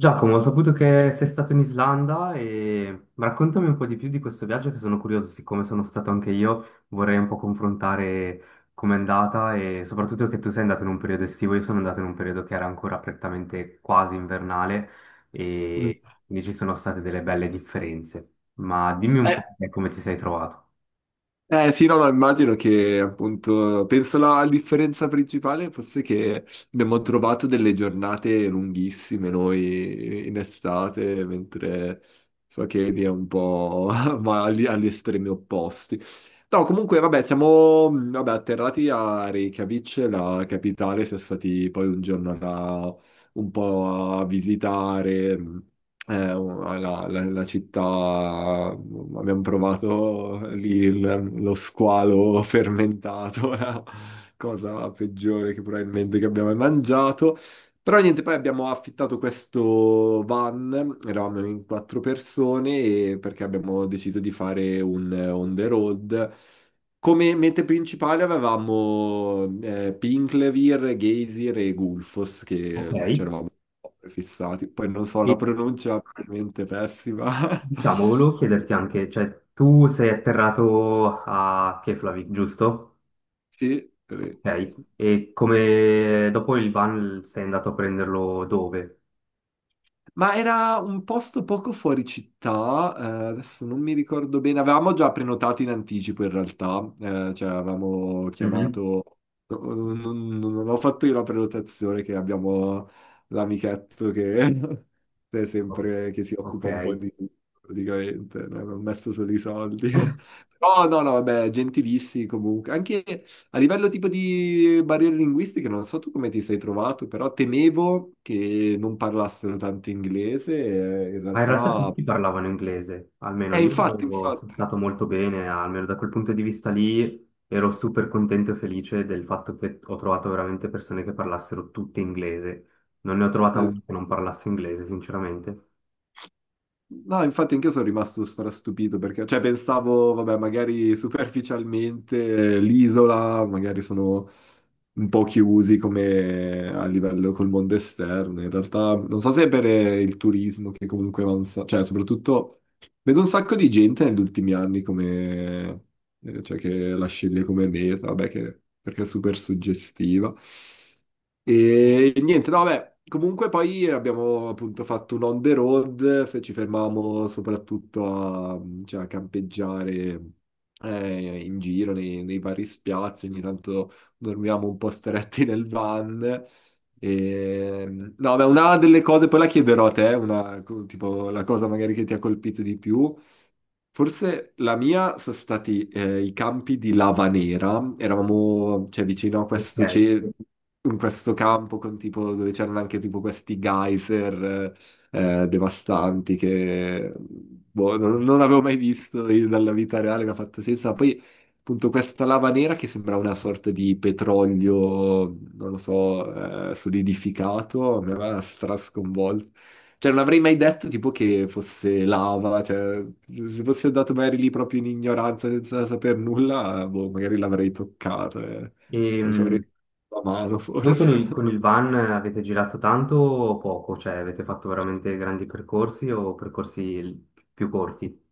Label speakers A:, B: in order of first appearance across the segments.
A: Giacomo, ho saputo che sei stato in Islanda e ma raccontami un po' di più di questo viaggio che sono curioso, siccome sono stato anche io, vorrei un po' confrontare com'è andata e soprattutto che tu sei andato in un periodo estivo, io sono andato in un periodo che era ancora prettamente quasi invernale
B: Mm.
A: e quindi ci sono state delle belle differenze. Ma dimmi un
B: Eh,
A: po' te come ti sei trovato.
B: eh, sì, no, no, immagino che appunto, penso la differenza principale fosse che abbiamo trovato delle giornate lunghissime noi in estate, mentre so che lì è un po' ma agli estremi opposti. No, comunque, vabbè, siamo vabbè, atterrati a Reykjavik, la capitale, siamo stati poi un giorno là un po' a visitare. La città, abbiamo provato lì lo squalo fermentato, la cosa peggiore che probabilmente che abbiamo mai mangiato. Però niente, poi abbiamo affittato questo van, eravamo in quattro persone, perché abbiamo deciso di fare un on the road. Come mete principali avevamo Pinklevir, Geysir e Gulfos,
A: Ok,
B: che
A: e
B: c'eravamo fissati. Poi non so, la pronuncia è probabilmente pessima.
A: diciamo, volevo chiederti anche, cioè tu sei atterrato a Keflavik, giusto?
B: Sì, sì.
A: Ok, e come dopo il van sei andato a prenderlo dove?
B: Ma era un posto poco fuori città, adesso non mi ricordo bene, avevamo già prenotato in anticipo in realtà, cioè avevamo
A: Mhm.
B: chiamato, no, non ho fatto io la prenotazione, che abbiamo l'amichetto che è
A: O-
B: sempre, che si
A: Ok.
B: occupa un po' di tutto praticamente, no? Non ho messo solo i soldi. Oh no, no, vabbè, gentilissimi comunque, anche a livello tipo di barriere linguistiche, non so tu come ti sei trovato, però temevo che non parlassero tanto inglese, in
A: Ma in realtà
B: realtà...
A: tutti parlavano inglese, almeno io
B: Infatti,
A: sono
B: infatti.
A: stato molto bene, almeno da quel punto di vista lì ero super contento e felice del fatto che ho trovato veramente persone che parlassero tutte inglese. Non ne ho trovata una che non parlasse inglese, sinceramente.
B: No, infatti anch'io sono rimasto strastupito perché, cioè, pensavo, vabbè, magari superficialmente l'isola, magari sono un po' chiusi come a livello col mondo esterno. In realtà, non so se per il turismo che comunque avanza, cioè, soprattutto vedo un sacco di gente negli ultimi anni come, cioè, che la sceglie come meta, vabbè, perché è super suggestiva. E niente, no, vabbè, comunque poi abbiamo appunto fatto un on the road, ci fermavamo soprattutto a, cioè, a campeggiare in giro nei vari spiazzi, ogni tanto dormivamo un po' stretti nel van. E, no, beh, una delle cose, poi la chiederò a te, una, tipo la cosa magari che ti ha colpito di più. Forse la mia sono stati i campi di Lavanera, eravamo, cioè, vicino a
A: Ok.
B: questo cielo in questo campo con tipo, dove c'erano anche tipo questi geyser devastanti che boh, non avevo mai visto io dalla vita reale, mi ha fatto senso. Ma poi appunto questa lava nera che sembra una sorta di petrolio, non lo so, solidificato, mi aveva strasconvolto. Cioè, non avrei mai detto tipo che fosse lava, cioè, se fossi andato magari lì proprio in ignoranza senza saper nulla, boh, magari l'avrei toccato. Non
A: E,
B: so, ci avrei la mano
A: Voi
B: forse.
A: con il van avete girato tanto o poco? Cioè avete fatto veramente grandi percorsi o percorsi più corti?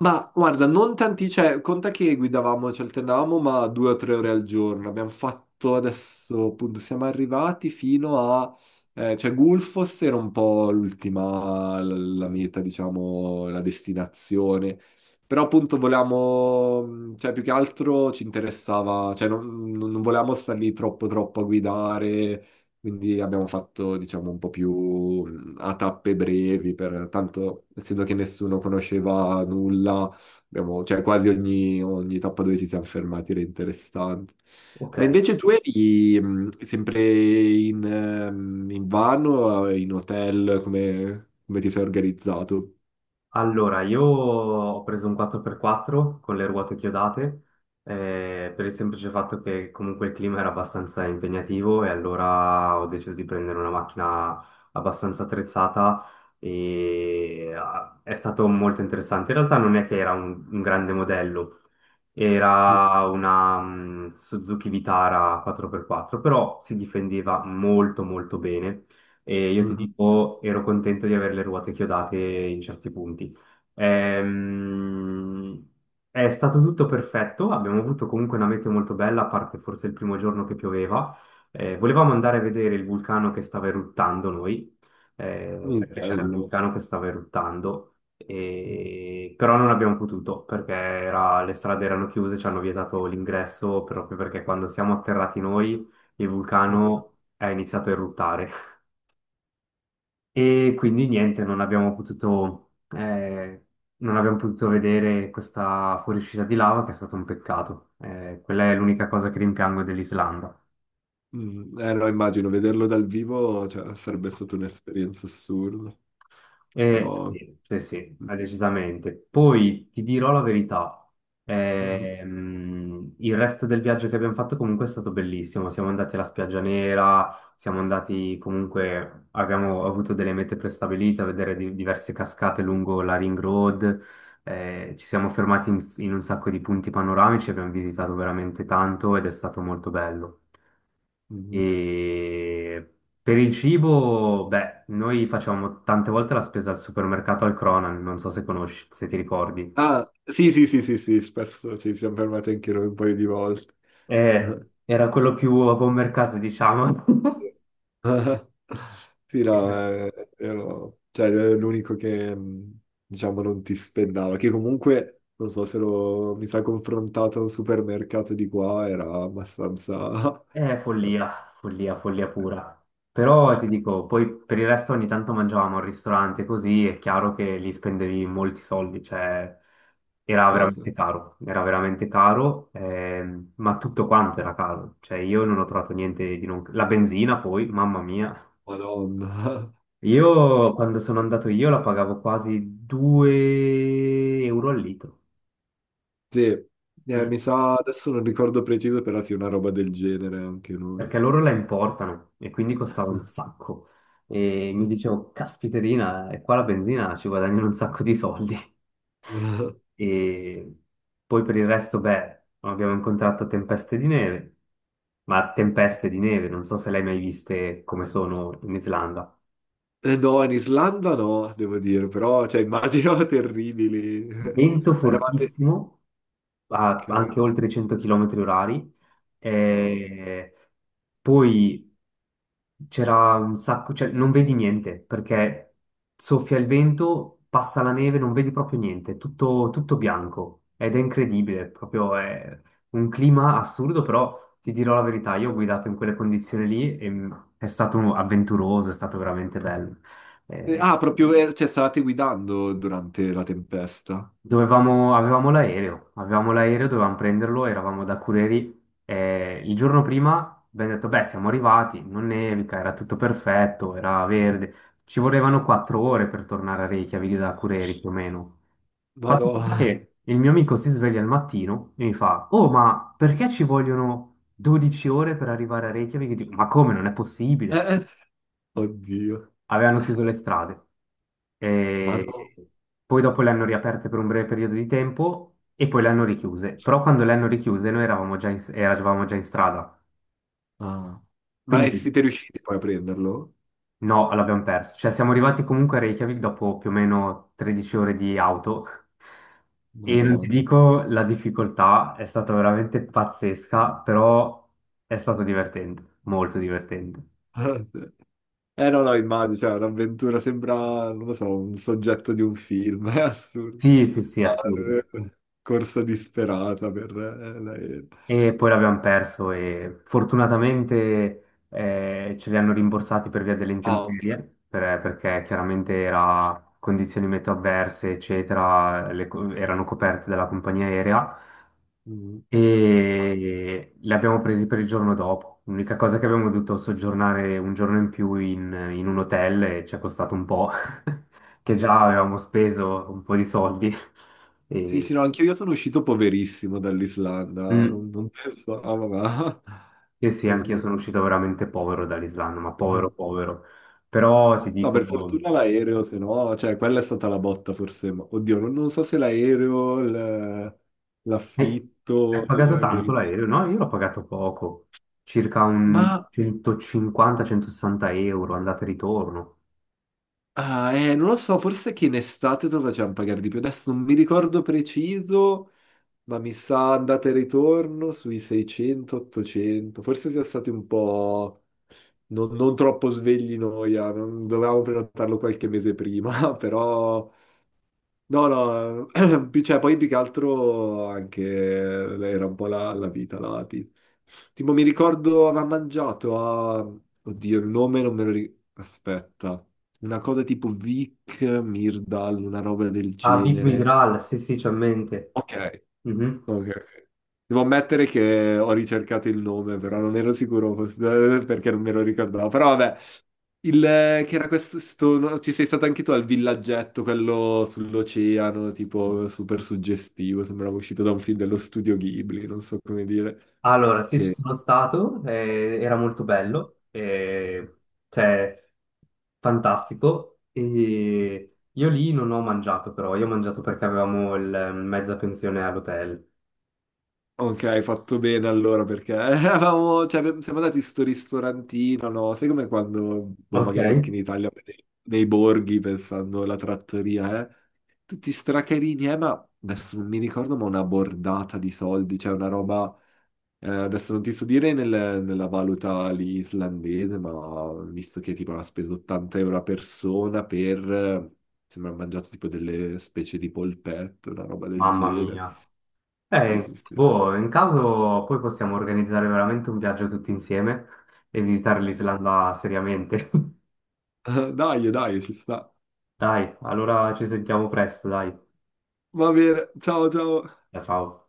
B: Ma guarda, non tanti, cioè, conta che guidavamo, ci alternavamo, ma 2 o 3 ore al giorno. Abbiamo fatto adesso, appunto, siamo arrivati fino a, cioè, Gulfos era un po' l'ultima, la meta, diciamo, la destinazione. Però appunto volevamo, cioè, più che altro ci interessava, cioè, non volevamo star lì troppo, troppo a guidare. Quindi abbiamo fatto, diciamo, un po' più a tappe brevi, per, tanto essendo che nessuno conosceva nulla, abbiamo, cioè, quasi ogni, tappa dove ci siamo fermati era interessante.
A: Ok,
B: Ma invece tu eri sempre in van o in hotel, come ti sei organizzato?
A: allora io ho preso un 4x4 con le ruote chiodate per il semplice fatto che comunque il clima era abbastanza impegnativo e allora ho deciso di prendere una macchina abbastanza attrezzata e è stato molto interessante. In realtà non è che era un grande modello.
B: Mm,
A: Era una Suzuki Vitara 4x4, però si difendeva molto molto bene e io ti
B: mhm.
A: dico, ero contento di avere le ruote chiodate in certi punti. Ehm, è stato tutto perfetto, abbiamo avuto comunque una meteo molto bella, a parte forse il primo giorno che pioveva. Volevamo andare a vedere il vulcano che stava eruttando noi,
B: Mm,
A: perché c'era il
B: bello.
A: vulcano che stava eruttando
B: Mm,
A: però non abbiamo potuto perché le strade erano chiuse, ci hanno vietato l'ingresso proprio perché quando siamo atterrati noi il vulcano è iniziato a eruttare. E quindi niente, non abbiamo potuto vedere questa fuoriuscita di lava, che è stato un peccato. Quella è l'unica cosa che rimpiango dell'Islanda.
B: mm. Eh no, immagino, vederlo dal vivo, cioè, sarebbe stata un'esperienza assurda, però...
A: Sì, sì, sì, ma decisamente. Poi ti dirò la verità, il resto del viaggio che abbiamo fatto comunque è stato bellissimo. Siamo andati alla Spiaggia Nera, siamo andati comunque, abbiamo avuto delle mete prestabilite a vedere diverse cascate lungo la Ring Road, ci siamo fermati in un sacco di punti panoramici, abbiamo visitato veramente tanto ed è stato molto bello.
B: Mhm.
A: E per il cibo, beh, noi facciamo tante volte la spesa al supermercato al Cronan, non so se conosci, se ti ricordi.
B: Ah, sì, sì, sì, sì, sì, spesso ci siamo fermati anche noi un paio di volte.
A: Era quello più a buon mercato, diciamo.
B: Sì, no, ero, cioè, ero l'unico che, diciamo, non ti spendava, che comunque, non so se lo, mi sa confrontato a un supermercato di qua, era abbastanza...
A: È follia, follia, follia pura. Però ti dico, poi per il resto ogni tanto mangiavamo al ristorante, così è chiaro che lì spendevi molti soldi, cioè era veramente caro, ma tutto quanto era caro, cioè io non ho trovato niente di non... La benzina poi, mamma mia.
B: Madonna.
A: Io
B: Sì,
A: quando sono andato io la pagavo quasi 2 euro al litro.
B: sì.
A: Mm.
B: Mi sa, adesso non ricordo preciso, però sì, una roba del genere anche noi.
A: Perché loro la importano e quindi costava un sacco. E mi dicevo, caspiterina, e qua la benzina ci guadagnano un sacco di soldi. E poi per il resto, beh, abbiamo incontrato tempeste di neve, ma tempeste di neve, non so se le hai mai viste come sono in Islanda.
B: No, in Islanda no, devo dire, però, cioè, immagino terribili.
A: Vento
B: Eravate...
A: fortissimo,
B: Ok,
A: anche oltre i 100 km orari,
B: no.
A: e poi c'era un sacco, cioè non vedi niente perché soffia il vento, passa la neve, non vedi proprio niente, tutto, tutto bianco ed è incredibile, proprio è un clima assurdo, però ti dirò la verità, io ho guidato in quelle condizioni lì e è stato avventuroso, è stato veramente bello. Eh,
B: Ah, proprio, cioè, stavate guidando durante la tempesta.
A: Dovevamo, avevamo l'aereo, dovevamo prenderlo, eravamo da Cureri. Il giorno prima abbiamo detto, beh, siamo arrivati, non nevica, era tutto perfetto, era verde. Ci volevano 4 ore per tornare a Reykjavik da Cureri, più o meno. Fatto sta
B: Madonna.
A: che il mio amico si sveglia al mattino e mi fa, oh, ma perché ci vogliono 12 ore per arrivare a Reykjavik? Dico, ma come, non è possibile,
B: Eh, oddio.
A: avevano chiuso le strade.
B: Madonna.
A: E poi dopo le hanno riaperte per un breve periodo di tempo e poi le hanno richiuse. Però quando le hanno richiuse noi eravamo già in strada.
B: Ah. Ma
A: Quindi
B: siete riusciti poi a prenderlo?
A: no, l'abbiamo perso. Cioè siamo arrivati comunque a Reykjavik dopo più o meno 13 ore di auto. E non ti
B: Madonna.
A: dico, la difficoltà è stata veramente pazzesca, però è stato divertente, molto divertente.
B: Eh no, no, immagino, cioè, un'avventura sembra, non lo so, un soggetto di un film, è assurdo.
A: Sì, sì, sì,
B: No,
A: assurdo.
B: corsa disperata per l'aereo.
A: E poi l'abbiamo perso e fortunatamente ce li hanno rimborsati per via delle intemperie, perché chiaramente era condizioni meteo avverse, eccetera, erano coperte dalla compagnia aerea
B: Mm.
A: e li abbiamo presi per il giorno dopo. L'unica cosa è che abbiamo dovuto soggiornare un giorno in più in un hotel e ci è costato un po', che già
B: Eh,
A: avevamo speso un po' di soldi.
B: sì,
A: E-
B: sì, no, anche io sono uscito poverissimo dall'Islanda,
A: Mm.
B: non pensavo, ma...
A: Sì, sì, anch'io
B: No,
A: sono uscito veramente povero dall'Islanda, ma povero, povero. Però ti
B: no,
A: dico,
B: per fortuna l'aereo, se no, cioè, quella è stata la botta forse, ma oddio, non so se l'aereo,
A: eh, hai
B: l'affitto
A: pagato
B: del,
A: tanto
B: del...
A: l'aereo? No, io l'ho pagato poco, circa un
B: Ma,
A: 150-160 euro, andata e ritorno.
B: ah, non lo so, forse che in estate te lo facevano pagare di più, adesso non mi ricordo preciso, ma mi sa andata e ritorno sui 600-800, forse sia stati un po'... non troppo svegli noia, dovevamo prenotarlo qualche mese prima, però no, no, cioè, poi più che altro anche era un po' la vita, Tipo mi ricordo aveva mangiato a... Oddio, il nome non me lo ricordo. Aspetta. Una cosa tipo Vic Mirdal, una roba del
A: A Big
B: genere.
A: Migral, sì, sì, c'ho in mente.
B: Ok,
A: Mhm.
B: ok. Devo ammettere che ho ricercato il nome, però non ero sicuro perché non me lo ricordavo. Però vabbè, il, che era questo, no, ci sei stato anche tu al villaggetto, quello sull'oceano, tipo super suggestivo, sembrava uscito da un film dello studio Ghibli, non so come dire.
A: Allora, sì, ci
B: Che...
A: sono stato, era molto
B: eh.
A: bello, cioè, fantastico. E io lì non ho mangiato però, io ho mangiato perché avevamo il, mezza pensione all'hotel.
B: Ok, hai fatto bene allora perché eravamo, cioè, siamo andati in sto ristorantino, no? Sai come quando, boh,
A: Ok.
B: magari anche in Italia, nei borghi, pensando alla trattoria, eh? Tutti stracarini, ma adesso non mi ricordo, ma una bordata di soldi, cioè una roba... adesso non ti so dire nella valuta lì islandese, ma visto che tipo ha speso 80 euro a persona per, sembra ha mangiato tipo delle specie di polpette, una roba del
A: Mamma
B: genere.
A: mia.
B: Sì, sì, sì.
A: Boh, in caso poi possiamo organizzare veramente un viaggio tutti insieme e visitare l'Islanda seriamente.
B: Dai, dai, ci sta.
A: Dai, allora ci sentiamo presto, dai.
B: Va bene, ciao, ciao.
A: Ciao, ciao.